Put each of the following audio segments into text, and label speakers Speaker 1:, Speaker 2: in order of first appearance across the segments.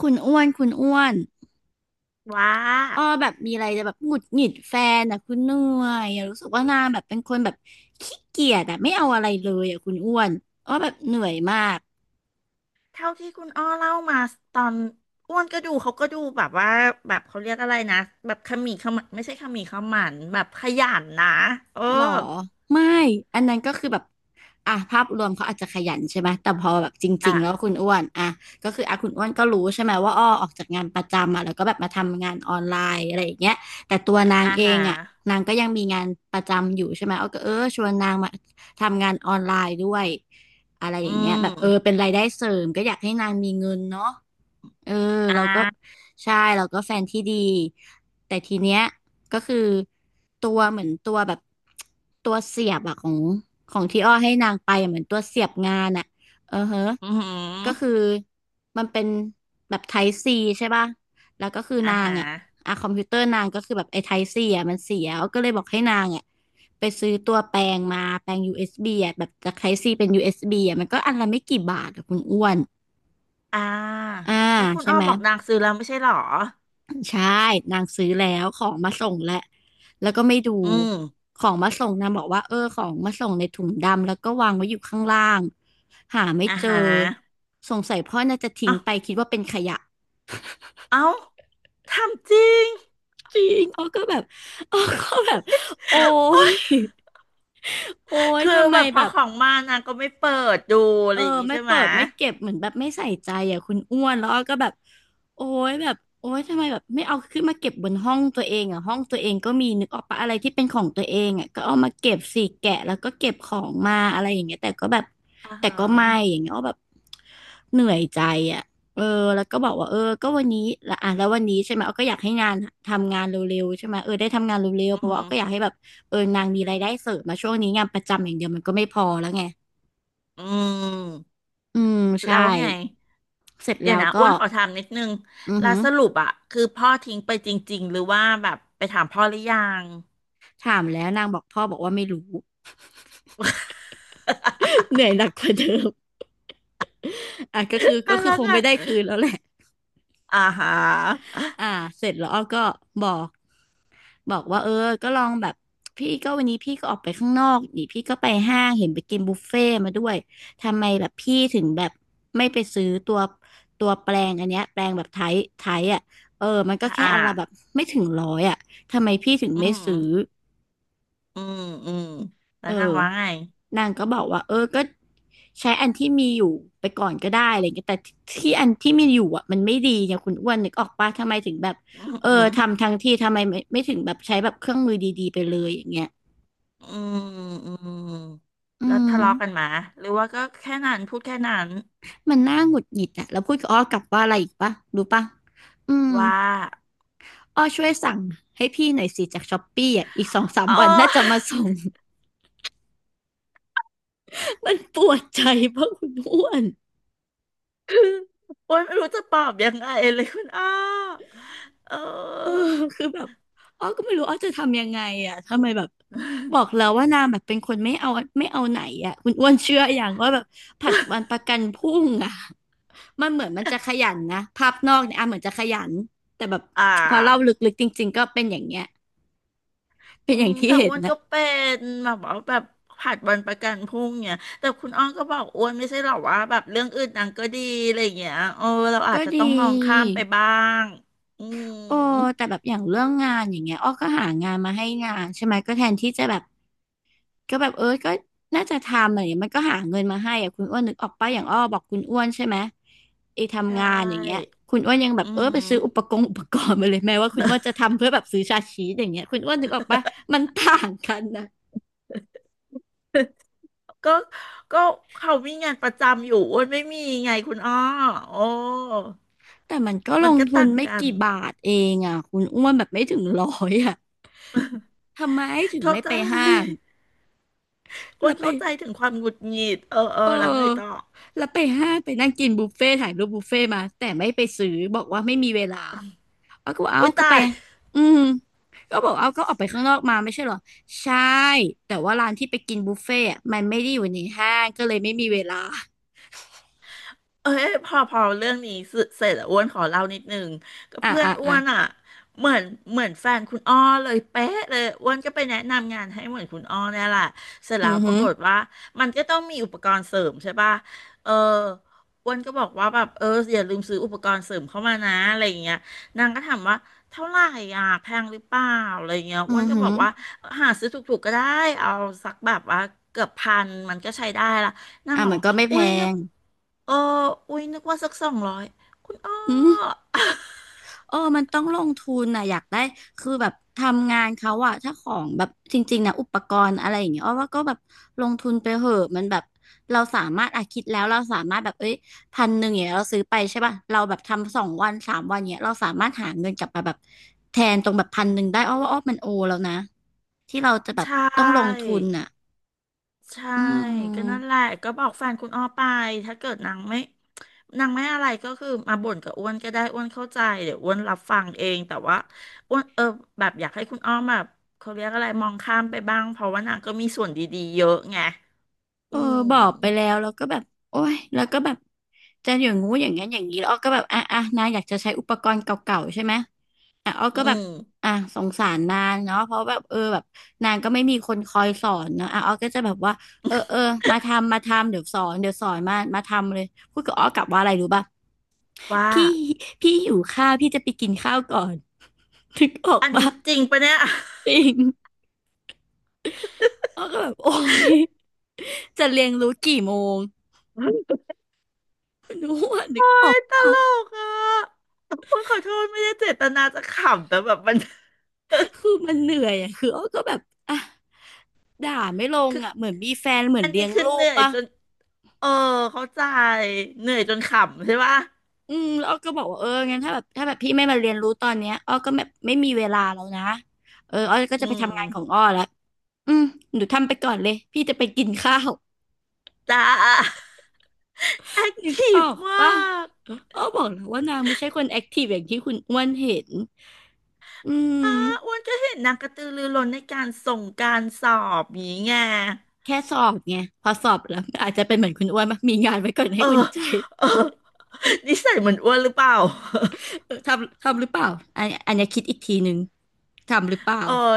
Speaker 1: คุณอ้วนคุณอ้วน
Speaker 2: ว่า
Speaker 1: อ้อแบบมีอะไรจะแบบหงุดหงิดแฟนอ่ะคุณเหนื่อยอ่ะรู้สึกว่านางแบบเป็นคนแบบขี้เกียจอ่ะไม่เอาอะไรเลยอ่ะคุณอ้วนอ้อแบบเหนื่อยมาก
Speaker 2: เท่าที่คุณอ้อเล่ามาตอนอ้วนก็ดูเขาก็ดูแบบว่าแบบเขาเรียกอะไรนะแบบขมีขมันไม่ใช่ขมีขมันแบบขยันนะเออ
Speaker 1: หรอไม่อันนั้นก็คือแบบอ่ะภาพรวมเขาอาจจะขยันใช่ไหมแต่พอแบบจริ
Speaker 2: อ่ะ
Speaker 1: งๆแล้วคุณอ้วนอ่ะก็คืออ่ะคุณอ้วนก็รู้ใช่ไหมว่าอ้อออกจากงานประจำอ่ะแล้วก็แบบมาทำงานออนไลน์อะไรอย่างเงี้ยแต่ตัวนาง
Speaker 2: อา
Speaker 1: เอ
Speaker 2: หา
Speaker 1: ง
Speaker 2: ร
Speaker 1: อ่ะนางก็ยังมีงานประจำอยู่ใช่ไหมอ้อก็เออชวนนางมาทำงานออนไลน์ด้วยอะไรอ
Speaker 2: อื
Speaker 1: ย่างเงี้ยแบบเออเป็
Speaker 2: ม
Speaker 1: นรายได้เสริมก็อยากให้นางมีเงินเนาะเออ
Speaker 2: อ่
Speaker 1: เราก็
Speaker 2: า
Speaker 1: ใช่เราก็แฟนที่ดีแต่ทีเนี้ย ก็คือตัวเหมือนตัวแบบตัวเสียบอะของของที่อ้อให้นางไปอะเหมือนตัวเสียบงานอะเออเฮะ
Speaker 2: อือหือ
Speaker 1: ก็คือมันเป็นแบบไทป์ซีใช่ป่ะแล้วก็คือ
Speaker 2: อา
Speaker 1: นาง
Speaker 2: หาร
Speaker 1: อะอะคอมพิวเตอร์นางก็คือแบบไอ้ไทป์ซีอะมันเสียอ้อก็เลยบอกให้นางอะไปซื้อตัวแปลงมาแปลง USB อสบีอะแบบจากไทป์ซีเป็น USB อสบีอะมันก็อันละไม่กี่บาทอะคุณอ้วน
Speaker 2: อ่า
Speaker 1: อ่า
Speaker 2: ก็คุณ
Speaker 1: ใช่
Speaker 2: อ้อ
Speaker 1: ไหม
Speaker 2: บอกนางซื้อแล้วไม่ใช่หรอ
Speaker 1: ใช่ นางซื้อแล้วของมาส่งแล้ว แล้วก็ไม่ดู
Speaker 2: อืม
Speaker 1: ของมาส่งนางบอกว่าเออของมาส่งในถุงดำแล้วก็วางไว้อยู่ข้างล่างหาไม่
Speaker 2: อา
Speaker 1: เจอ
Speaker 2: หาร
Speaker 1: สงสัยพ่อน่าจะทิ้ง
Speaker 2: เอ้า
Speaker 1: ไปคิดว่าเป็นขยะ
Speaker 2: เอ้าทำจริง
Speaker 1: จริง อ้อก็แบบ อ้อก็แบบโอ้ยโอ้ย
Speaker 2: คือ
Speaker 1: ทำไม
Speaker 2: แบบพ
Speaker 1: แบ
Speaker 2: อ
Speaker 1: บ
Speaker 2: ของมานางก็ไม่เปิดดูอะ
Speaker 1: เอ
Speaker 2: ไร
Speaker 1: อ
Speaker 2: อย่างงี้
Speaker 1: ไม่
Speaker 2: ใช่ไห
Speaker 1: เปิ
Speaker 2: มย
Speaker 1: ดไม่เก็บเหมือนแบบไม่ใส่ใจอ่ะคุณอ้วนแล้วอ้อก็แบบโอ้ยแบบโอ้ยทำไมแบบไม่เอาขึ้นมาเก็บบนห้องตัวเองอ่ะห้องตัวเองก็มีนึกออกปะอะไรที่เป็นของตัวเองอ่ะก็เอามาเก็บสิแกะแล้วก็เก็บของมาอะไรอย่างเงี้ยแต่ก็แบบ
Speaker 2: อ่า
Speaker 1: แต่
Speaker 2: ฮะ
Speaker 1: ก็ไม่อย่างเงี้ยอ้อแบบเหนื่อยใจอ่ะเออแล้วก็บอกว่าเออก็วันนี้ละอ่ะแล้ววันนี้ใช่ไหมอ้อก็อยากให้งานทำงานเร็วๆใช่ไหมเออได้ทำงานเร็ว
Speaker 2: อื
Speaker 1: ๆเพราะว่าอ้อก็อยาก
Speaker 2: ม
Speaker 1: ให้แบบเออนางมีรายได้เสริมมาช่วงนี้งานประจำอย่างเดียวมันก็ไม่พอแล้วไง
Speaker 2: อืม
Speaker 1: อืม
Speaker 2: แล้
Speaker 1: ใช่
Speaker 2: วไง
Speaker 1: เสร็จ
Speaker 2: เดี๋ย
Speaker 1: แล้
Speaker 2: ว
Speaker 1: ว
Speaker 2: นะอ้
Speaker 1: ก็
Speaker 2: วนขอถามนิดนึง
Speaker 1: อือ
Speaker 2: แล้
Speaker 1: หื
Speaker 2: ว
Speaker 1: อ
Speaker 2: สรุปอะคือพ่อทิ้งไปจริงๆหรือว่าแบบไปถามพ่อหรือยัง
Speaker 1: ถามแล้วนางบอกพ่อบอกว่าไม่รู้ เหนื่อยหนักกว่าเดิมอ่ะก็คือ
Speaker 2: อ่ะแล้ว
Speaker 1: คง
Speaker 2: ก็
Speaker 1: ไม่ได้คืนแล้วแหละ
Speaker 2: อ่าฮะ
Speaker 1: อ่าเสร็จแล้วอ้อก็บอกว่าเออก็ลองแบบพี่ก็วันนี้พี่ก็ออกไปข้างนอกนี่พี่ก็ไปห้างเห็นไปกินบุฟเฟ่ต์มาด้วยทำไมแบบพี่ถึงแบบไม่ไปซื้อตัวแปลงอันเนี้ยแปลงแบบไทยไทยอ่ะเออมันก็
Speaker 2: ถ้า
Speaker 1: แค่
Speaker 2: อ่า
Speaker 1: อันละแบบไม่ถึงร้อยอ่ะทำไมพี่ถึง
Speaker 2: อื
Speaker 1: ไม่
Speaker 2: ม
Speaker 1: ซื้อ
Speaker 2: อืมอืมแล้
Speaker 1: เอ
Speaker 2: วนาง
Speaker 1: อ
Speaker 2: ว่าไง
Speaker 1: นางก็บอกว่าเออก็ใช้อันที่มีอยู่ไปก่อนก็ได้อะไรเงี้ยแต่ที่อันที่มีอยู่อ่ะมันไม่ดีเนี่ยคุณอ้วนนึกออกปะทำไมถึงแบบ
Speaker 2: อืม
Speaker 1: เอ
Speaker 2: อื
Speaker 1: อ
Speaker 2: ม
Speaker 1: ทำทั้งที่ทำไมไม่ถึงแบบใช้แบบเครื่องมือดีๆไปเลยอย่างเงี้ย
Speaker 2: อืมอืม
Speaker 1: อื
Speaker 2: แล้ว
Speaker 1: ม
Speaker 2: ทะเลาะกันมาหรือว่าก็แค่นั้นพูดแค่นั้น
Speaker 1: มันน่าหงุดหงิดอ่ะแล้วพูดกับอ้อกลับว่าอะไรอีกปะรู้ปะอืม
Speaker 2: ว่า
Speaker 1: อ้อช่วยสั่งให้พี่หน่อยสิจากช้อปปี้อ่ะอีกสองสาม
Speaker 2: อ๋อ
Speaker 1: วันน่าจะมาส่ง มันปวดใจเพราะคุณอ้วน
Speaker 2: คือโอ้ยไม่รู้จะตอบยังไงเลยคุณอ้อเอ
Speaker 1: เออ
Speaker 2: อ
Speaker 1: คือแบบอ้อก็ไม่รู้อ้อจะทำยังไงอ่ะทำไมแบบบอกแล้วว่านางแบบเป็นคนไม่เอาไม่เอาไหนอ่ะคุณอ้วนเชื่ออย่างว่าแบบผัดวันประกันพรุ่งอ่ะมันเหมือนมันจะขยันนะภาพนอกเนี่ยอ่ะเหมือนจะขยันแต่แบบ
Speaker 2: อ่
Speaker 1: พอเล่า
Speaker 2: า
Speaker 1: ลึกๆจริงๆก็เป็นอย่างเงี้ยเป็
Speaker 2: อื
Speaker 1: นอย่า
Speaker 2: ม
Speaker 1: งที่
Speaker 2: แต่
Speaker 1: เห็
Speaker 2: อ้
Speaker 1: น
Speaker 2: วนก็
Speaker 1: นะ
Speaker 2: เป็นแบบว่าแบบผัดวันประกันพรุ่งเนี่ยแต่คุณอ้อนก็บอกอ้วนไม่ใช่หรอว่าแบบเรื่องอื่นนางก็ดีอะไรอย่างเงี้ยเออเราอา
Speaker 1: ก็
Speaker 2: จจะต้อง
Speaker 1: ดี
Speaker 2: มองข้ามไปบ้างอื
Speaker 1: โอ้
Speaker 2: ม
Speaker 1: แต่แบบอย่างเรื่องงานอย่างเงี้ยอ้อก็หางานมาให้งานใช่ไหมก็แทนที่จะแบบ ก็แบบเออก็น่าจะทำอะไรอย่างเงี้ยมันก็หาเงินมาให้อะคุณอ้วนนึกออกปะอย่างอ้อบอกคุณอ้วนใช่ไหมไอ้
Speaker 2: ใช
Speaker 1: ทำงานอย่างเงี้ย
Speaker 2: ่
Speaker 1: คุณอ้วนยังแบ
Speaker 2: อื
Speaker 1: บเออไป
Speaker 2: ม
Speaker 1: ซื้ออุปกรณ์มาเลยแม้ว่าคุณอ้วนจะทำเพื่อแบบซื้อชาชีสอย่างเงี้ยคุณอ้วนนึกออกปะมันต่างกันนะ
Speaker 2: ก็ก็เขามีงานประจำอยู่อ้วนไม่มีไงคุณอ้อโอ้
Speaker 1: แต่มันก็ล
Speaker 2: มัน
Speaker 1: ง
Speaker 2: ก็
Speaker 1: ทุน
Speaker 2: ต่าง
Speaker 1: ไม่
Speaker 2: กัน
Speaker 1: กี่บาทเองอ่ะคุณอ้วนแบบไม่ถึงร้อยอ่ะทำไมถึง
Speaker 2: เข้า
Speaker 1: ไม่
Speaker 2: ใจ
Speaker 1: ไปห้าง
Speaker 2: อ้
Speaker 1: แล้
Speaker 2: ว
Speaker 1: ว
Speaker 2: น
Speaker 1: ไป
Speaker 2: เข้าใจถึงความหงุดหงิดเออเออ
Speaker 1: เอ
Speaker 2: แล้วไงต่อ
Speaker 1: อแล้วไปห้างไปนั่งกินบุฟเฟ่ต์ถ่ายรูปบุฟเฟ่ต์มาแต่ไม่ไปซื้อบอกว่าไม่มีเวลา เอาก็บอกเอา
Speaker 2: อุ้ย
Speaker 1: ก็
Speaker 2: ตา
Speaker 1: ไป
Speaker 2: ย
Speaker 1: อืมก็บอกเอาก็ออกไปข้างนอกมาไม่ใช่เหรอ ใช่ แต่ว่าร้านที่ไปกินบุฟเฟ่ต์อะมันไม่ได้อยู่ในห้างก็เลยไม่มีเวลา
Speaker 2: เอ้ยพอพอเรื่องนี้เสเสร็จแล้วอ้วนขอเล่านิดนึงก็
Speaker 1: อ่ะ
Speaker 2: เพื่อน
Speaker 1: อ่ะ
Speaker 2: อ้
Speaker 1: อ่ะ
Speaker 2: วนอ่ะเหมือนเหมือนแฟนคุณอ้อเลยเป๊ะเลยอ้วนก็ไปแนะนำงานให้เหมือนคุณอ้อเนี่ยแหละเสร็จ
Speaker 1: อื
Speaker 2: แล้ว
Speaker 1: อ
Speaker 2: ป
Speaker 1: หื
Speaker 2: รา
Speaker 1: อ
Speaker 2: กฏว่ามันก็ต้องมีอุปกรณ์เสริมใช่ป่ะเอออ้วนก็บอกว่าแบบเอออย่าลืมซื้ออุปกรณ์เสริมเข้ามานะอะไรอย่างเงี้ยนางก็ถามว่าเท่าไหร่อ่ะแพงหรือเปล่าอะไรอย่างเงี้ย
Speaker 1: อื
Speaker 2: อ้วน
Speaker 1: อ
Speaker 2: ก็
Speaker 1: หื
Speaker 2: บ
Speaker 1: อ
Speaker 2: อกว่าหาซื้อถูกๆก็ได้เอาสักแบบว่าเกือบพันมันก็ใช้ได้ละนาง
Speaker 1: อ่ะ
Speaker 2: บอก
Speaker 1: มัน
Speaker 2: ว่า
Speaker 1: ก็ไม่แพ
Speaker 2: อุ้ยนึก
Speaker 1: ง
Speaker 2: เอออุ้ยนึกว่าสักสองร้อยคุณอ้อ
Speaker 1: อืม เออมันต้องลงทุนนะอยากได้คือแบบทำงานเขาอะถ้าของแบบจริงๆนะอุปกรณ์อะไรอย่างเงี้ยอ้อว่าก็แบบลงทุนไปเหอะมันแบบเราสามารถอะคิดแล้วเราสามารถแบบเอ้ยพันหนึ่งอย่างเงี้ยเราซื้อไปใช่ป่ะเราแบบทำสองวันสามวันเงี้ยเราสามารถหาเงินกลับมาแบบแทนตรงแบบพันหนึ่งได้อ้อว่าอ้อมันโอแล้วนะที่เราจะแบ
Speaker 2: ใช
Speaker 1: บต้องลง
Speaker 2: ่
Speaker 1: ทุนอะ
Speaker 2: ใช่
Speaker 1: อื
Speaker 2: ก็นั่นแหละ
Speaker 1: ม
Speaker 2: ก็บอกแฟนคุณอ้อไป ถ้าเกิดนางไม่นางไม่อะไรก็คือมาบ่นกับอ้วนก็ได้อ้วนเข้าใจเดี๋ยวอ้วนรับฟังเองแต่ว่าอ้วนเออแบบอยากให้คุณอ้อมแบบเขาเรียกอะไรมองข้ามไปบ้างเพราะว่านางก็มีส่วนดีๆเยอะไง
Speaker 1: เอ
Speaker 2: อื
Speaker 1: อ
Speaker 2: ม
Speaker 1: บอกไปแล้วแล้วก็แบบโอ้ยแล้วก็แบบจะอย่างงู้อย่างงั้นอย่างนี้แล้วอ้อก็แบบอ่ะอ่ะนายอยากจะใช้อุปกรณ์เก่าๆใช่ไหมอ่ะอ้อ
Speaker 2: อื
Speaker 1: ก็แบบ
Speaker 2: ม
Speaker 1: อ่ะสงสารนางเนาะเพราะแบบแบบนางก็ไม่มีคนคอยสอนเนาะอ่ะอ้อก็จะแบบว่าเออเออมาทำมาทำเดี๋ยวสอนเดี๋ยวสอนมามาทำเลยพูดกับอ้อกลับว่าอะไรรู้ป่ะ
Speaker 2: ว่า
Speaker 1: พี่พี่หิวข้าวพี่จะไปกินข้าวก่อน ถึงออก
Speaker 2: อัน
Speaker 1: ป่ะ
Speaker 2: นี้จริงปะเนี่ย
Speaker 1: จริงอ้อก็แบบโอ้ยจะเรียนรู้กี่โมง รู้ว่านึก
Speaker 2: โอ๊
Speaker 1: ออ
Speaker 2: ย
Speaker 1: ก
Speaker 2: ตลกอ่ะคุณขอโทษไม่ได้เจตนาจะขำแต่แบบมัน
Speaker 1: คือมันเหนื่อยอ่ะคืออ้อก็แบบอ่ะด่าไม่ลง
Speaker 2: คือ
Speaker 1: อ่ะเหมือนมีแฟนเหมือน
Speaker 2: อัน
Speaker 1: เลี้
Speaker 2: นี้
Speaker 1: ยง
Speaker 2: คือ
Speaker 1: ลู
Speaker 2: เห
Speaker 1: ก
Speaker 2: นื่อย
Speaker 1: ปะ
Speaker 2: จนเออเข้าใจเหนื่อยจนขำใช่ปะ
Speaker 1: อืมแล้วอ้อก็บอกว่างั้นถ้าแบบถ้าแบบพี่ไม่มาเรียนรู้ตอนเนี้ยอ้อก็แบบไม่มีเวลาแล้วนะอ้อก็
Speaker 2: อื
Speaker 1: จะไปทำงานของ
Speaker 2: ม
Speaker 1: อ้อแล้วอืมหนูทำไปก่อนเลยพี่จะไปกินข้าว
Speaker 2: จ้าแอค
Speaker 1: นึก
Speaker 2: ที
Speaker 1: อ
Speaker 2: ฟ
Speaker 1: อก
Speaker 2: ม
Speaker 1: ปะ
Speaker 2: าก
Speaker 1: อ้อบอกแล้วว่านางไม่ใช่คนแอคทีฟอย่างที่คุณอ้วนเห็นอื
Speaker 2: อ้า
Speaker 1: ม
Speaker 2: อ้วนก็เห็นนางกระตือรือร้นในการส่งการสอบอย่างงี้ไง
Speaker 1: แค่สอบไงพอสอบแล้วอาจจะเป็นเหมือนคุณอ้วนปะมีงานไว้ก่อนให้
Speaker 2: เออ
Speaker 1: อุ่นใจ
Speaker 2: เออนิสัยเหมือนอ้วนหรือเปล่า
Speaker 1: ทำทำหรือเปล่าอันอันเนี้ยคิดอีกทีหนึ่งทำหรือเปล่า
Speaker 2: เออ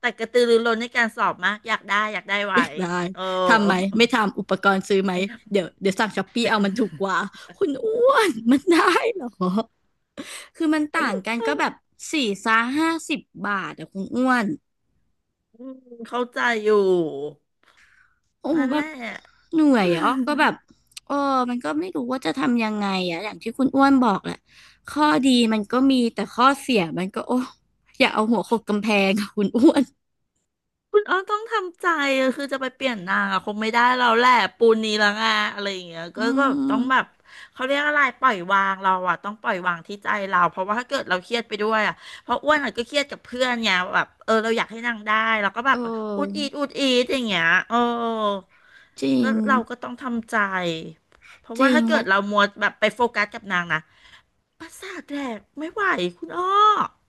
Speaker 2: แต่กระตือรือร้นในการสอบมากอยากได้อยากได้
Speaker 1: อ
Speaker 2: ไว้
Speaker 1: ยากได้
Speaker 2: เออ
Speaker 1: ทำไหมไม่ทำอุปกรณ์ซื้อไหม
Speaker 2: ไม่
Speaker 1: เดี๋ยว
Speaker 2: ทำ
Speaker 1: เดี๋ยวสั่งช้อปปี้
Speaker 2: ไม่
Speaker 1: เอามันถูกกว่าคุณอ้วนมันได้เหรอคือมันต่างกันก็แบบสี่ซาห้าสิบบาทอะคุณอ้วน
Speaker 2: อืมเข้าใจอยู่
Speaker 1: โอ้
Speaker 2: นั่น
Speaker 1: แบ
Speaker 2: แห
Speaker 1: บ
Speaker 2: ละ
Speaker 1: เหนื่อยอ่ะก็แบบ เออมันก็ไม่รู้ว่าจะทำยังไงอะอย่างที่คุณอ้วนบอกแหละข้อดีมันก็มีแต่ข้อเสียมันก็โอ้อย่าเอาหัวโขกกำแพงอะคุณอ้วน
Speaker 2: คุณอ้อต้องทำใจอะคือจะไปเปลี่ยนนางอะคงไม่ได้เราแหละปูนนี้แล้วไงอะไรอย่างเงี้ย
Speaker 1: อื
Speaker 2: ก็ต้องแบบ
Speaker 1: ม
Speaker 2: เขาเรียกอะไรปล่อยวางเราอะต้องปล่อยวางที่ใจเราเพราะว่าถ้าเกิดเราเครียดไปด้วยอะเพราะอ้วนอะก็เครียดกับเพื่อนไงแบบเออเราอยากให้นางได้เราก็แบ
Speaker 1: เอ
Speaker 2: บอุดอีด
Speaker 1: อ
Speaker 2: อุดอีดอย่างเงี้ยเออ
Speaker 1: จริ
Speaker 2: ก็
Speaker 1: ง
Speaker 2: เราก็ต้องทำใจเพราะ
Speaker 1: จ
Speaker 2: ว่า
Speaker 1: ริง
Speaker 2: ถ้าเกิ
Speaker 1: แล้
Speaker 2: ด
Speaker 1: ว
Speaker 2: เรามัวแบบไปโฟกัสกับนางนะ ประสาทแดกไม่ไหวคุณอ้อ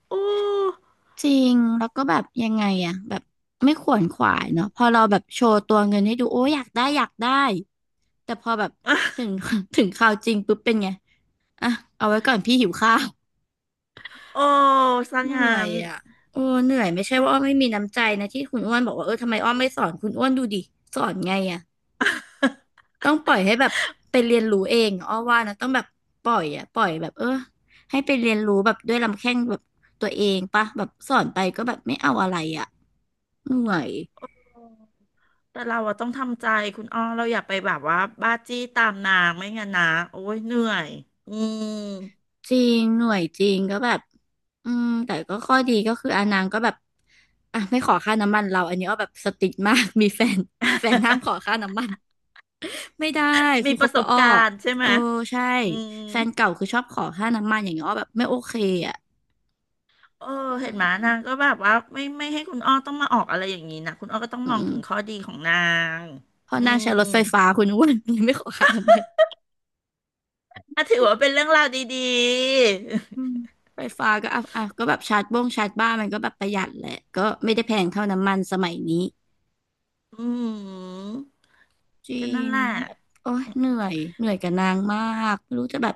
Speaker 2: โอ้
Speaker 1: จริงแล้วก็แบบยังไงอะแบบไม่ขวนขวายเนาะพอเราแบบโชว์ตัวเงินให้ดูโอ้ยอยากได้อยากได้แต่พอแบบถึ
Speaker 2: อ่ะ
Speaker 1: ง ถึงคราวจริงปุ๊บเป็นไงอ่ะเอาไว้ก่อนพี่หิวข้าว
Speaker 2: โอ้สัง
Speaker 1: เห
Speaker 2: หา
Speaker 1: นื่อย
Speaker 2: ร
Speaker 1: อ่ะโอ้เหนื่อยไม่ใช่
Speaker 2: ต้อ
Speaker 1: ว่า
Speaker 2: ง
Speaker 1: อ้อไม่มีน้ำใจนะที่คุณอ้วนบอกว่าทำไมอ้อไม่สอนคุณอ้วนดูดิสอนไงอ่ะ ต้องปล่อยให้แบบไปเรียนรู้เองอ้อว่านะต้องแบบปล่อยอะปล่อยแบบให้ไปเรียนรู้แบบด้วยลำแข้งแบบตัวเองปะแบบสอนไปก็แบบไม่เอาอะไรอะเหน่อย
Speaker 2: แต่เราอะต้องทำใจคุณอ้อเราอย่าไปแบบว่าบ้าจี้ตามนางไม่งั้นนะโอ้ยเหนื่อยอืม
Speaker 1: จริงหน่วยจริงก็แบบอืมแต่ก็ข้อดีก็คืออานางก็แบบอ่ะไม่ขอค่าน้ำมันเราอันนี้อ้อแบบสติ๊กมาก มีแฟนแฟนห้ามขอค่าน้ำมันไม่ได้
Speaker 2: มี
Speaker 1: คือ
Speaker 2: ป
Speaker 1: คบ
Speaker 2: ระส
Speaker 1: กับ
Speaker 2: บ
Speaker 1: อ้อ
Speaker 2: การณ์ใช่ไห
Speaker 1: เอ
Speaker 2: ม
Speaker 1: อใช่
Speaker 2: อืม
Speaker 1: แฟนเก่าคือชอบขอค่าน้ำมันอย่างเงี้ยอ้อแบบไม่โอเคอ่ะ
Speaker 2: เออ
Speaker 1: อื
Speaker 2: เห็นไหม
Speaker 1: ม
Speaker 2: นางก็แบบว่าไม่ไม่ให้คุณอ้อต้องมาออกอะไรอย่างนี้นะคุณอ้อก็ต้อง
Speaker 1: อื
Speaker 2: มองถึงข้
Speaker 1: ม
Speaker 2: อดีของนาง
Speaker 1: เพ
Speaker 2: อื
Speaker 1: ราะนางใช้
Speaker 2: ม
Speaker 1: รถไฟฟ้าคุณอ้วนยังไม่ขอค่าน้ำมัน
Speaker 2: อ่ะถือว่าเป็นเรื่องราวดี
Speaker 1: อืม
Speaker 2: ๆ
Speaker 1: ไฟฟ้าก็อ่ะอ่ะก็แบบชาร์จบ้งชาร์จบ้านมันก็แบบประหยัดแหละก็ไม่ได้แพงเท่าน้ำมันสมัยนี้
Speaker 2: อืม
Speaker 1: จริ
Speaker 2: ก็นั่
Speaker 1: ง
Speaker 2: นแหละ
Speaker 1: แบบโอ้ยเหนื่อยเหนื่อยกับนางมากไม่รู้จะแบบ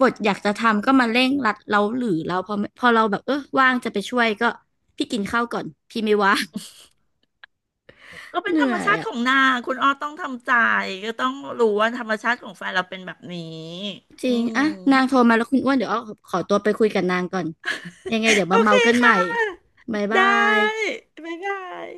Speaker 1: บทอยากจะทำก็มาเร่งรัดเราหรือเราพอพอเราแบบว่างจะไปช่วยก็พี่กินข้าวก่อนพี่ไม่ว่าง
Speaker 2: ก็ เป็
Speaker 1: เห
Speaker 2: นธ
Speaker 1: นื่
Speaker 2: รร
Speaker 1: อ
Speaker 2: ม
Speaker 1: ย
Speaker 2: ชาติ
Speaker 1: อ่ะ
Speaker 2: ของนางคุณอ้อต้องทำใจก็ต้องรู้ว่าธรรมชาติของแฟนเราเป็นแบบนี้
Speaker 1: จ
Speaker 2: อื
Speaker 1: ริง
Speaker 2: ม
Speaker 1: อ่ะนางโทรมาแล้วคุณอ้วนเดี๋ยวอ้อขอตัวไปคุยกับนางก่อนยังไงเดี๋ยว
Speaker 2: โอ
Speaker 1: มา
Speaker 2: เค
Speaker 1: เมากันใหม่
Speaker 2: ค่ะ
Speaker 1: บ๊าย
Speaker 2: ได
Speaker 1: บาย
Speaker 2: ้บ๊ายบาย